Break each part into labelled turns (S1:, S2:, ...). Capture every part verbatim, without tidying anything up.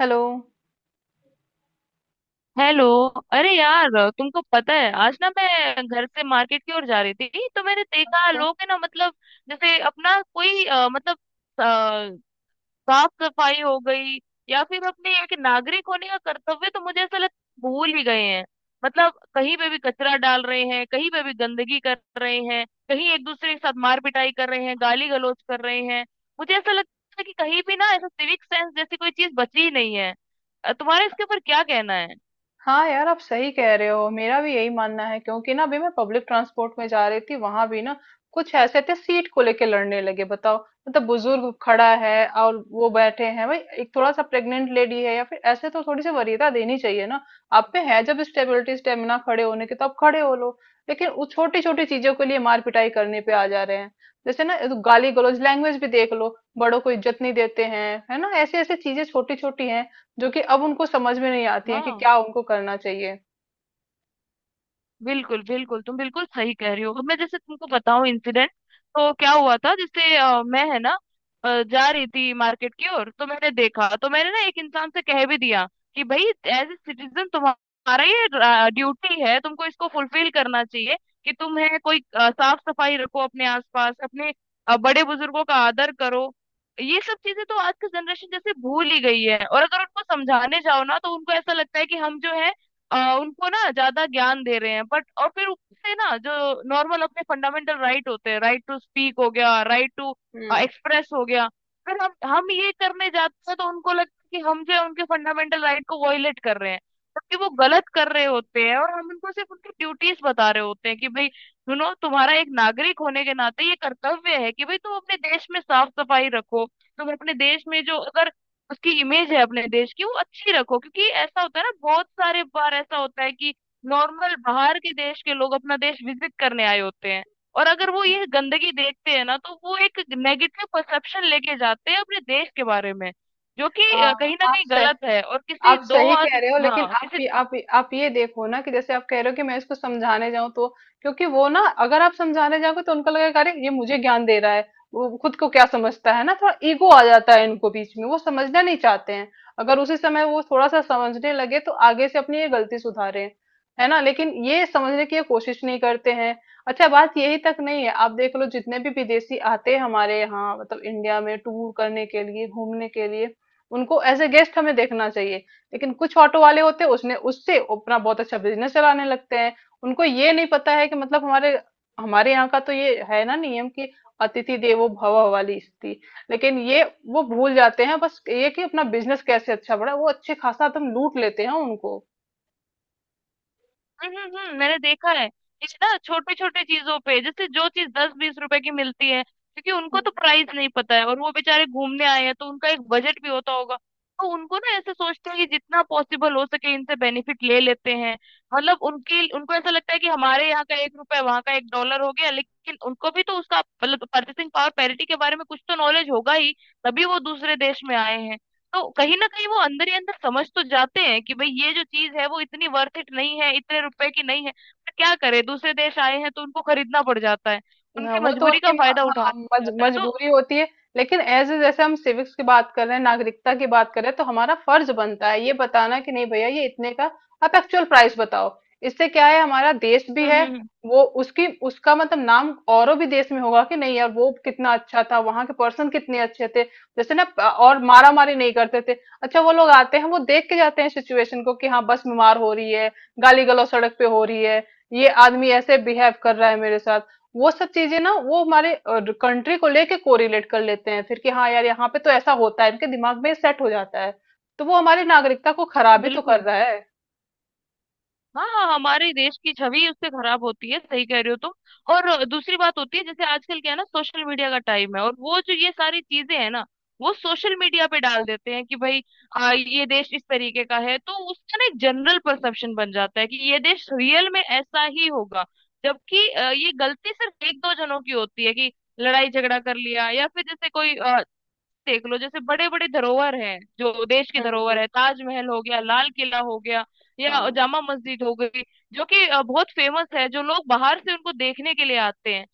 S1: Hello.
S2: Hello. अरे यार। तुमको पता है आज ना मैं घर से मार्केट की ओर जा रही थी, तो मैंने देखा लोग है ना मतलब, जैसे अपना कोई अ, मतलब अ, साफ सफाई हो गई या फिर अपने एक नागरिक होने का कर्तव्य, तो मुझे ऐसा लगता है भूल ही गए हैं। मतलब कहीं पे भी कचरा डाल रहे हैं, कहीं पे भी गंदगी कर रहे हैं, कहीं एक दूसरे के साथ मार पिटाई कर रहे हैं, गाली गलौज कर रहे हैं। मुझे ऐसा लगता है कि कहीं भी ना ऐसा सिविक सेंस जैसी कोई चीज बची ही नहीं है। अ, तुम्हारा इसके ऊपर क्या कहना है?
S1: हाँ यार, आप सही कह रहे हो, मेरा भी यही मानना है। क्योंकि ना, अभी मैं पब्लिक ट्रांसपोर्ट में जा रही थी, वहां भी ना कुछ ऐसे थे, सीट को लेके लड़ने लगे। बताओ, मतलब बुजुर्ग खड़ा है और वो बैठे हैं। भाई एक थोड़ा सा प्रेग्नेंट लेडी है या फिर ऐसे, तो थोड़ी सी वरीयता देनी चाहिए ना। आप पे है जब स्टेबिलिटी स्टेमिना खड़े होने की, तो आप खड़े हो लो। लेकिन वो छोटी छोटी चीजों के लिए मार पिटाई करने पे आ जा रहे हैं। जैसे ना, गाली गलौज लैंग्वेज भी देख लो। बड़ों को इज्जत नहीं देते हैं। है ना, ऐसी ऐसी चीजें छोटी छोटी हैं जो कि अब उनको समझ में नहीं आती है कि
S2: हाँ
S1: क्या उनको करना चाहिए।
S2: बिल्कुल बिल्कुल, तुम बिल्कुल सही कह रही हो। अब मैं जैसे तुमको बताऊं इंसिडेंट, तो क्या हुआ था, जैसे अ, मैं है ना अ, जा रही थी मार्केट की ओर, तो मैंने देखा तो मैंने ना एक इंसान से कह भी दिया कि भाई, एज ए सिटीजन तुम्हारा ये ड्यूटी है, तुमको इसको फुलफिल करना चाहिए, कि तुम है कोई अ, साफ सफाई रखो अपने आसपास, अपने अ, बड़े बुजुर्गों का आदर करो। ये सब चीजें तो आज की जनरेशन जैसे भूल ही गई है, और अगर उनको समझाने जाओ ना तो उनको ऐसा लगता है कि हम जो है आ, उनको ना ज्यादा ज्ञान दे रहे हैं, बट और फिर ऊपर से ना जो नॉर्मल अपने फंडामेंटल राइट होते हैं, राइट टू स्पीक हो गया, राइट टू
S1: हम्म।
S2: एक्सप्रेस हो गया। फिर हम हम ये करने जाते हैं तो उनको लगता है कि हम जो है उनके फंडामेंटल राइट को वॉयलेट कर रहे हैं, जबकि वो गलत कर रहे होते हैं और हम उनको सिर्फ उनकी ड्यूटीज बता रहे होते हैं कि भाई सुनो, तुम्हारा एक नागरिक होने के नाते ये कर्तव्य है कि भाई तुम अपने देश में साफ सफाई रखो, तुम अपने देश में जो अगर उसकी इमेज है अपने देश की वो अच्छी रखो, क्योंकि ऐसा होता है ना बहुत सारे बार ऐसा होता है कि नॉर्मल बाहर के देश के लोग अपना देश विजिट करने आए होते हैं, और अगर वो ये गंदगी देखते हैं ना तो वो एक नेगेटिव परसेप्शन लेके जाते हैं अपने देश के बारे में, जो कि
S1: हाँ
S2: अ, कहीं ना
S1: आप
S2: कहीं
S1: सह
S2: गलत है। और किसी
S1: आप
S2: दो
S1: सही कह रहे हो।
S2: आदमी
S1: लेकिन
S2: हाँ
S1: आप
S2: किसी।
S1: ये आप ये- आप ये देखो ना, कि जैसे आप कह रहे हो कि मैं इसको समझाने जाऊं, तो क्योंकि वो ना, अगर आप समझाने जाओगे तो उनको लगेगा अरे ये मुझे ज्ञान दे रहा है, वो खुद को क्या समझता है। ना थोड़ा ईगो आ जाता है इनको बीच में, वो समझना नहीं चाहते हैं। अगर उसी समय वो थोड़ा सा समझने लगे, तो आगे से अपनी ये गलती सुधारे। है ना, लेकिन ये समझने की ये कोशिश नहीं करते हैं। अच्छा, बात यही तक नहीं है। आप देख लो, जितने भी विदेशी आते हैं हमारे यहाँ, मतलब इंडिया में टूर करने के लिए, घूमने के लिए, उनको एज ए गेस्ट हमें देखना चाहिए। लेकिन कुछ ऑटो वाले होते हैं, उसने उससे अपना बहुत अच्छा बिजनेस चलाने लगते हैं। उनको ये नहीं पता है कि मतलब हमारे हमारे यहाँ का तो ये है ना नियम कि अतिथि देवो भव वाली स्थिति। लेकिन ये, वो भूल जाते हैं बस ये, कि अपना बिजनेस कैसे अच्छा बढ़ा। वो अच्छे खासा एकदम लूट लेते हैं उनको।
S2: हम्म हम्म, हम्म, मैंने देखा है इस ना छोटे छोटे चीजों पे, जैसे जो चीज दस बीस रुपए की मिलती है, क्योंकि उनको तो प्राइस नहीं पता है और वो बेचारे घूमने आए हैं तो उनका एक बजट भी होता होगा, तो उनको ना ऐसे सोचते हैं कि जितना पॉसिबल हो सके इनसे बेनिफिट ले लेते हैं। मतलब उनकी उनको ऐसा लगता है कि हमारे यहाँ का एक रुपए वहाँ का एक डॉलर हो गया, लेकिन उनको भी तो उसका मतलब परचेसिंग पावर पैरिटी के बारे में कुछ तो नॉलेज होगा ही, तभी वो दूसरे देश में आए हैं। तो कहीं ना कहीं वो अंदर ही अंदर समझ तो जाते हैं कि भाई ये जो चीज है वो इतनी वर्थ इट नहीं है, इतने रुपए की नहीं है, पर क्या करे दूसरे देश आए हैं तो उनको खरीदना पड़ जाता है,
S1: हाँ
S2: उनकी
S1: वो तो
S2: मजबूरी
S1: उनकी
S2: का
S1: म-
S2: फायदा
S1: हाँ,
S2: उठाना पड़
S1: मज,
S2: जाता है तो।
S1: मजबूरी होती है। लेकिन एज ए, जैसे हम सिविक्स की बात कर रहे हैं, नागरिकता की बात कर रहे हैं, तो हमारा फर्ज बनता है ये बताना कि नहीं भैया, ये इतने का, आप एक्चुअल प्राइस बताओ। इससे क्या है, हमारा देश भी
S2: हम्म,
S1: है।
S2: हम्म,
S1: वो उसकी उसका मतलब नाम औरों भी देश में होगा कि नहीं यार वो कितना अच्छा था, वहां के पर्सन कितने अच्छे थे। जैसे ना प- और मारा मारी नहीं करते थे। अच्छा, वो लोग आते हैं, वो देख के जाते हैं सिचुएशन को, कि हाँ बस बीमार हो रही है, गाली गलौज सड़क पे हो रही है, ये आदमी ऐसे बिहेव कर रहा है मेरे साथ। वो सब चीजें ना, वो हमारे कंट्री को लेके कोरिलेट कर लेते हैं फिर कि हाँ यार, यहाँ पे तो ऐसा होता है। इनके दिमाग में सेट हो जाता है। तो वो हमारी नागरिकता को
S2: हम्म,
S1: खराब ही तो कर
S2: बिल्कुल।
S1: रहा है।
S2: हाँ हाँ, हमारे देश की छवि उससे खराब होती है, सही कह रहे हो तुम। और दूसरी बात होती है, जैसे आजकल क्या है ना सोशल मीडिया का टाइम है, और वो जो ये सारी चीजें है ना वो सोशल मीडिया पे डाल देते हैं कि भाई आ, ये देश इस तरीके का है, तो उसका ना एक जनरल परसेप्शन बन जाता है कि ये देश रियल में ऐसा ही होगा, जबकि अ, ये गलती सिर्फ एक दो जनों की होती है कि लड़ाई झगड़ा कर लिया, या फिर जैसे कोई, देख लो जैसे बड़े बड़े धरोहर हैं जो देश की
S1: हम्म
S2: धरोहर
S1: हम्म।
S2: है, ताजमहल हो गया, लाल किला हो गया या
S1: हाँ
S2: जामा मस्जिद हो गई, जो कि अ, बहुत फेमस है, जो लोग बाहर से उनको देखने के लिए आते हैं।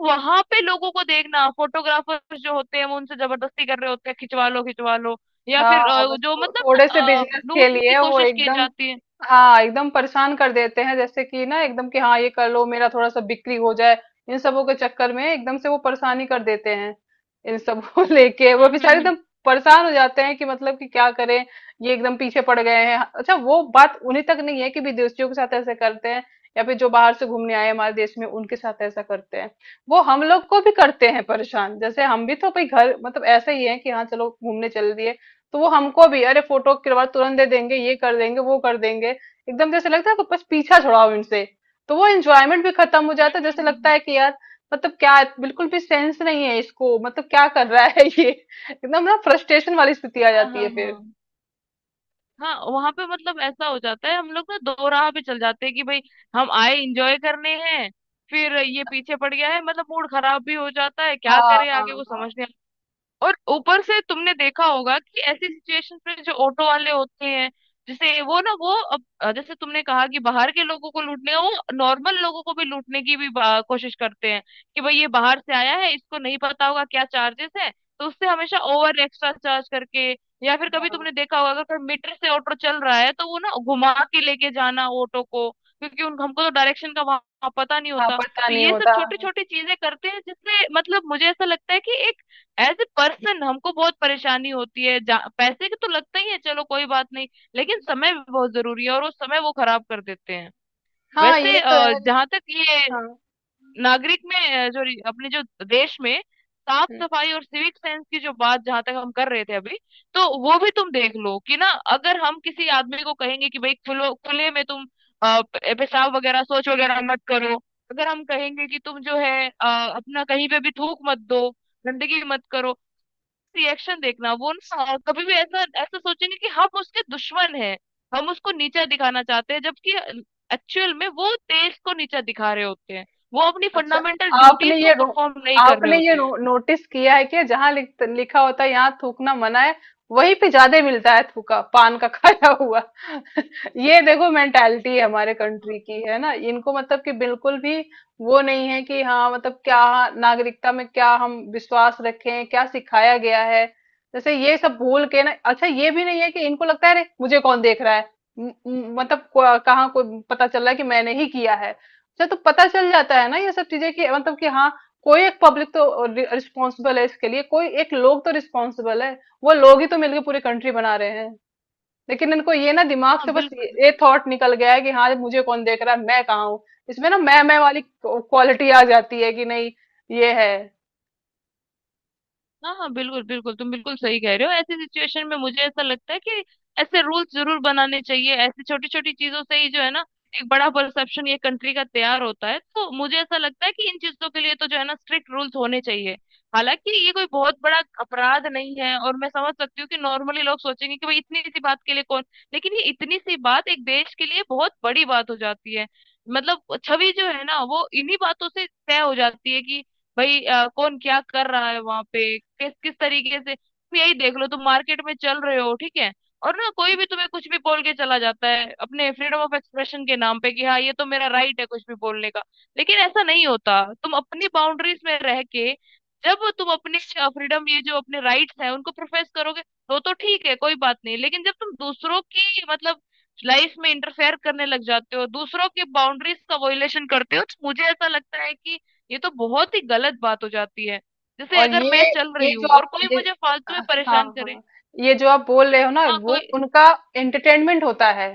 S2: वहां पे लोगों को देखना, फोटोग्राफर्स जो होते हैं वो उनसे जबरदस्ती कर रहे होते हैं, खिंचवा लो खिंचवा लो, या फिर
S1: हाँ,
S2: अ,
S1: बस
S2: जो
S1: थो,
S2: मतलब
S1: थोड़े से
S2: ना, अ,
S1: बिजनेस के
S2: लूटने की
S1: लिए वो
S2: कोशिश की
S1: एकदम,
S2: जाती है।
S1: हाँ एकदम परेशान कर देते हैं। जैसे कि ना एकदम कि हाँ ये कर लो, मेरा थोड़ा सा बिक्री हो जाए। इन सबों के चक्कर में एकदम से वो परेशानी कर देते हैं। इन सब को लेके वो
S2: हम्म,
S1: बेचारे
S2: हम्म, हम्म,
S1: एकदम परेशान हो जाते हैं कि मतलब कि क्या करें, ये एकदम पीछे पड़ गए हैं। हाँ, अच्छा वो बात उन्हीं तक नहीं है कि विदेशियों के साथ ऐसे करते हैं, या फिर जो बाहर से घूमने आए हमारे देश में उनके साथ ऐसा करते हैं। वो हम लोग को भी करते हैं परेशान। जैसे हम भी तो भाई घर, मतलब ऐसे ही है कि हाँ चलो घूमने चल दिए, तो वो हमको भी अरे फोटो करवा तुरंत दे देंगे, ये कर देंगे वो कर देंगे, एकदम जैसे लगता है कि बस पीछा छुड़ाओ इनसे। तो वो एंजॉयमेंट भी खत्म हो
S2: हम्म,
S1: जाता है।
S2: हम्म,
S1: जैसे
S2: हम्म,
S1: लगता
S2: हम्म,
S1: है कि यार मतलब क्या, बिल्कुल भी सेंस नहीं है इसको, मतलब क्या कर रहा है ये। एकदम ना फ्रस्ट्रेशन वाली स्थिति आ
S2: हाँ
S1: जाती
S2: हाँ
S1: है फिर।
S2: हाँ। हाँ वहां पे मतलब ऐसा हो जाता है, हम लोग ना दो राह पे चल जाते हैं कि भाई हम आए इंजॉय करने हैं, फिर ये पीछे पड़ गया है, मतलब मूड खराब भी हो जाता है, क्या
S1: हाँ
S2: करें
S1: हाँ
S2: आगे वो
S1: हाँ,
S2: समझ नहीं। और ऊपर से तुमने देखा होगा कि ऐसी सिचुएशन में जो ऑटो वाले होते हैं, जैसे वो ना वो अब अ, जैसे तुमने कहा कि बाहर के लोगों को लूटने का, वो नॉर्मल लोगों को भी लूटने की भी बा- कोशिश करते हैं कि भाई ये बाहर से आया है, इसको नहीं पता होगा क्या चार्जेस है, तो उससे हमेशा ओवर एक्स्ट्रा चार्ज करके, या फिर कभी तुमने देखा होगा अगर कोई मीटर से ऑटो चल रहा है तो वो ना घुमा के लेके जाना ऑटो को, क्योंकि उन हमको तो डायरेक्शन का वहां पता नहीं
S1: हाँ
S2: होता,
S1: पता
S2: तो
S1: नहीं
S2: ये सब
S1: होता।
S2: छोटी छोटी चीजें करते हैं, जिससे मतलब मुझे ऐसा लगता है कि एज ए पर्सन हमको बहुत परेशानी होती है। जा, पैसे के तो लगता ही है, चलो कोई बात नहीं, लेकिन समय भी बहुत जरूरी है और वो समय वो खराब कर देते हैं
S1: हाँ ये तो
S2: वैसे।
S1: है।
S2: जहां तक ये
S1: हाँ,
S2: नागरिक में अ, जो रि- अपने जो देश में साफ सफाई और सिविक सेंस की जो बात जहां तक हम कर रहे थे अभी, तो वो भी तुम देख लो कि ना, अगर हम किसी आदमी को कहेंगे कि भाई खुलो खुले में तुम अ, प- पेशाब वगैरह शौच वगैरह मत करो, अगर हम कहेंगे कि तुम जो है अ, अपना कहीं पे भी थूक मत दो, गंदगी मत करो, रिएक्शन देखना, वो ना कभी भी ऐसा ऐसा सोचेंगे कि हम उसके दुश्मन हैं, हम उसको नीचा दिखाना चाहते हैं, जबकि एक्चुअल में वो देश को नीचा दिखा रहे होते हैं, वो अपनी
S1: अच्छा
S2: फंडामेंटल
S1: आपने
S2: ड्यूटीज को
S1: ये रो,
S2: परफॉर्म नहीं कर रहे
S1: आपने ये
S2: होते हैं।
S1: नो, नोटिस किया है कि जहां लिख, लिखा होता है यहाँ थूकना मना है, वहीं पे ज्यादा मिलता है थूका, पान का खाया हुआ। ये देखो मेंटालिटी है हमारे कंट्री की। है ना, इनको मतलब कि बिल्कुल भी वो नहीं है कि हाँ मतलब क्या, नागरिकता में क्या हम विश्वास रखें, क्या सिखाया गया है। जैसे ये सब भूल के ना, अच्छा ये भी नहीं है कि इनको लगता है अरे मुझे कौन देख रहा है। म- म- मतलब को- कहाँ कोई पता चल रहा है कि मैंने ही किया है। अच्छा, तो पता चल जाता है ना ये सब चीजें कि मतलब कि हाँ कोई एक पब्लिक तो रिस्पॉन्सिबल है इसके लिए, कोई एक लोग तो रिस्पॉन्सिबल है। वो लोग ही तो मिलकर पूरी कंट्री बना रहे हैं। लेकिन इनको ये ना दिमाग
S2: हाँ
S1: से बस ये,
S2: बिल्कुल
S1: ये
S2: बिल्कुल।
S1: थॉट निकल गया है कि हाँ मुझे कौन देख रहा है, मैं कहाँ हूँ। इसमें ना मैं मैं वाली क्वालिटी आ जाती है कि नहीं, ये है।
S2: हाँ हाँ बिल्कुल बिल्कुल, तुम बिल्कुल सही कह रहे हो। ऐसी सिचुएशन में मुझे ऐसा लगता है कि ऐसे रूल्स जरूर बनाने चाहिए, ऐसी छोटी छोटी चीजों से ही जो है ना एक बड़ा परसेप्शन ये कंट्री का तैयार होता है, तो मुझे ऐसा लगता है कि इन चीजों के लिए तो जो है ना स्ट्रिक्ट रूल्स होने चाहिए। हालांकि ये कोई बहुत बड़ा अपराध नहीं है, और मैं समझ सकती हूँ कि नॉर्मली लोग सोचेंगे कि भाई इतनी सी बात के लिए कौन, लेकिन ये इतनी सी बात एक देश के लिए बहुत बड़ी बात हो जाती है। मतलब छवि जो है ना वो इन्हीं बातों से तय हो जाती है, कि भाई अ, कौन क्या कर रहा है वहां पे किस किस तरीके से, तुम यही देख लो, तुम मार्केट में चल रहे हो, ठीक है, और ना कोई भी तुम्हें कुछ भी बोल के चला जाता है अपने फ्रीडम ऑफ एक्सप्रेशन के नाम पे कि हाँ ये तो मेरा राइट है कुछ भी बोलने का, लेकिन ऐसा नहीं होता, तुम अपनी बाउंड्रीज में रह के जब तुम अपने फ्रीडम ये जो अपने राइट्स हैं उनको प्रोफेस करोगे, तो तो ठीक है कोई बात नहीं, लेकिन जब तुम दूसरों की मतलब लाइफ में इंटरफेयर करने लग जाते हो, दूसरों के बाउंड्रीज का वॉयलेशन करते हो, तो मुझे ऐसा लगता है कि ये तो बहुत ही गलत बात हो जाती है, जैसे
S1: और
S2: अगर
S1: ये
S2: मैं चल
S1: ये
S2: रही
S1: जो
S2: हूँ और
S1: आप
S2: कोई
S1: ये
S2: मुझे फालतू में
S1: हाँ
S2: परेशान करे।
S1: हाँ, ये जो आप बोल रहे हो ना,
S2: हाँ
S1: वो
S2: कोई।
S1: उनका एंटरटेनमेंट होता है।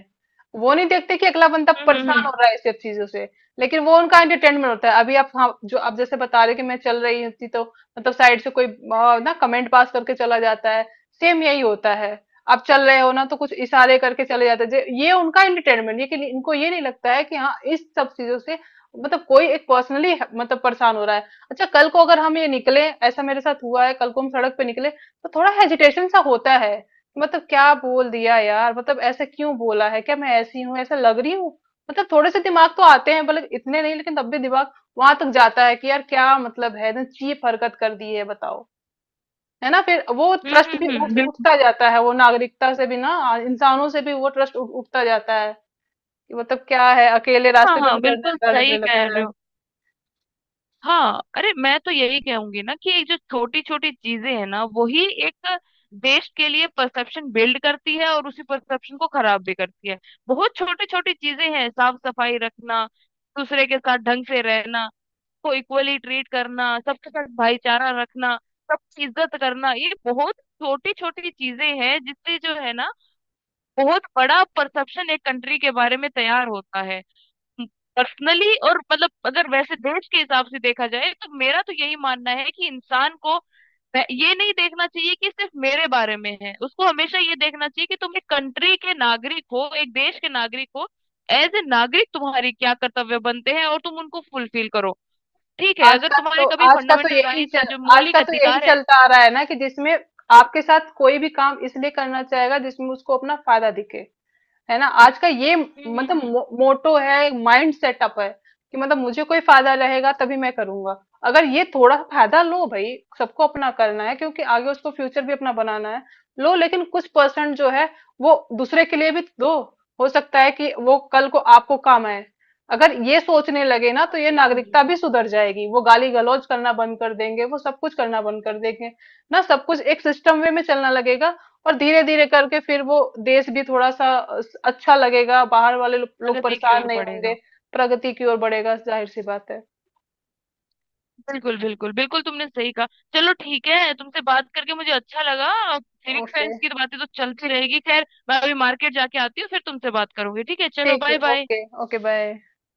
S1: वो नहीं देखते कि अगला बंदा
S2: हम्म, हम्म,
S1: परेशान हो
S2: हम्म,
S1: रहा है इस सब चीजों से। लेकिन वो उनका एंटरटेनमेंट होता है। अभी आप, हाँ, जो आप जैसे बता रहे हो कि मैं चल रही होती तो मतलब साइड से कोई, आ, ना कमेंट पास करके चला जाता है। सेम यही होता है। आप चल रहे हो ना, तो कुछ इशारे करके चले जाते हैं। जे- ये उनका एंटरटेनमेंट, ये कि इनको ये नहीं लगता है कि हाँ इस सब चीजों से मतलब कोई एक पर्सनली मतलब परेशान हो रहा है। अच्छा, कल को अगर हम ये निकले, ऐसा मेरे साथ हुआ है, कल को हम सड़क पे निकले तो थोड़ा हेजिटेशन सा होता है। मतलब क्या बोल दिया यार, मतलब ऐसे क्यों बोला है, क्या मैं ऐसी हूँ, ऐसा लग रही हूँ। मतलब थोड़े से दिमाग तो आते हैं, भले इतने नहीं, लेकिन तब भी दिमाग वहां तक जाता है कि यार क्या मतलब है, एकदम चीप हरकत कर दी है, बताओ। है ना, फिर वो
S2: हम्म,
S1: ट्रस्ट
S2: हम्म,
S1: भी
S2: हम्म,
S1: उठ
S2: बिल्कुल।
S1: उठता जाता है, वो नागरिकता से भी ना, इंसानों से भी वो ट्रस्ट उठता जाता है। कि मतलब क्या है, अकेले
S2: हाँ
S1: रास्ते पे भी
S2: हाँ
S1: डरने
S2: बिल्कुल सही
S1: डरने
S2: कह
S1: लगता
S2: रहे
S1: है।
S2: हो। हाँ अरे मैं तो यही कहूंगी ना कि ये जो छोटी छोटी चीजें हैं ना वही एक देश के लिए परसेप्शन बिल्ड करती है, और उसी परसेप्शन को खराब भी करती है। बहुत छोटी छोटी चीजें हैं, साफ सफाई रखना, दूसरे के साथ ढंग से रहना, सबको इक्वली ट्रीट करना, सबके साथ भाईचारा रखना, सबकी इज्जत करना, ये बहुत छोटी छोटी चीजें हैं जिससे जो है ना बहुत बड़ा परसेप्शन एक कंट्री के बारे में तैयार होता है। पर्सनली और मतलब अगर वैसे देश के हिसाब से देखा जाए, तो मेरा तो यही मानना है कि इंसान को वह- ये नहीं देखना चाहिए कि सिर्फ मेरे बारे में है, उसको हमेशा ये देखना चाहिए कि तुम एक कंट्री के नागरिक हो एक देश के नागरिक हो, एज ए नागरिक तुम्हारे क्या कर्तव्य बनते हैं और तुम उनको फुलफिल करो। ठीक है,
S1: आज
S2: अगर
S1: का
S2: तुम्हारे
S1: तो
S2: कभी
S1: आज का तो
S2: फंडामेंटल
S1: यही
S2: राइट्स
S1: चल,
S2: है जो
S1: आज
S2: मौलिक
S1: का तो यही
S2: अधिकार है।
S1: चलता आ रहा है ना, कि जिसमें आपके साथ कोई भी काम इसलिए करना चाहेगा जिसमें उसको अपना फायदा दिखे। है ना, आज का ये
S2: हम्म।
S1: मतलब
S2: हम्म। हम्म।
S1: मो, मोटो है, माइंड सेटअप है कि मतलब मुझे कोई फायदा रहेगा तभी मैं करूंगा। अगर ये थोड़ा फायदा, लो भाई सबको अपना करना है क्योंकि आगे उसको फ्यूचर भी अपना बनाना है। लो, लेकिन कुछ परसेंट जो है वो दूसरे के लिए भी दो। हो सकता है कि वो कल को आपको काम आए। अगर ये सोचने लगे ना,
S2: हाँ,
S1: तो ये
S2: बिल्कुल
S1: नागरिकता
S2: बिल्कुल।
S1: भी सुधर जाएगी, वो गाली गलौज करना बंद कर देंगे, वो सब कुछ करना बंद कर देंगे ना। सब कुछ एक सिस्टम वे में चलना लगेगा। और धीरे धीरे करके फिर वो देश भी थोड़ा सा अ, अच्छा लगेगा, बाहर वाले लो- लोग
S2: प्रगति की
S1: परेशान
S2: ओर
S1: नहीं होंगे।
S2: बढ़ेगा।
S1: प्रगति की ओर बढ़ेगा, जाहिर सी बात है।
S2: बिल्कुल बिल्कुल बिल्कुल, तुमने सही कहा। चलो ठीक है, तुमसे बात करके मुझे अच्छा लगा। सिविक
S1: ओके,
S2: साइंस की तो बातें तो चलती रहेगी, खैर मैं अभी मार्केट जाके आती हूँ फिर तुमसे बात करूंगी, ठीक है चलो
S1: ठीक है,
S2: bye bye.
S1: Okay okay, bye.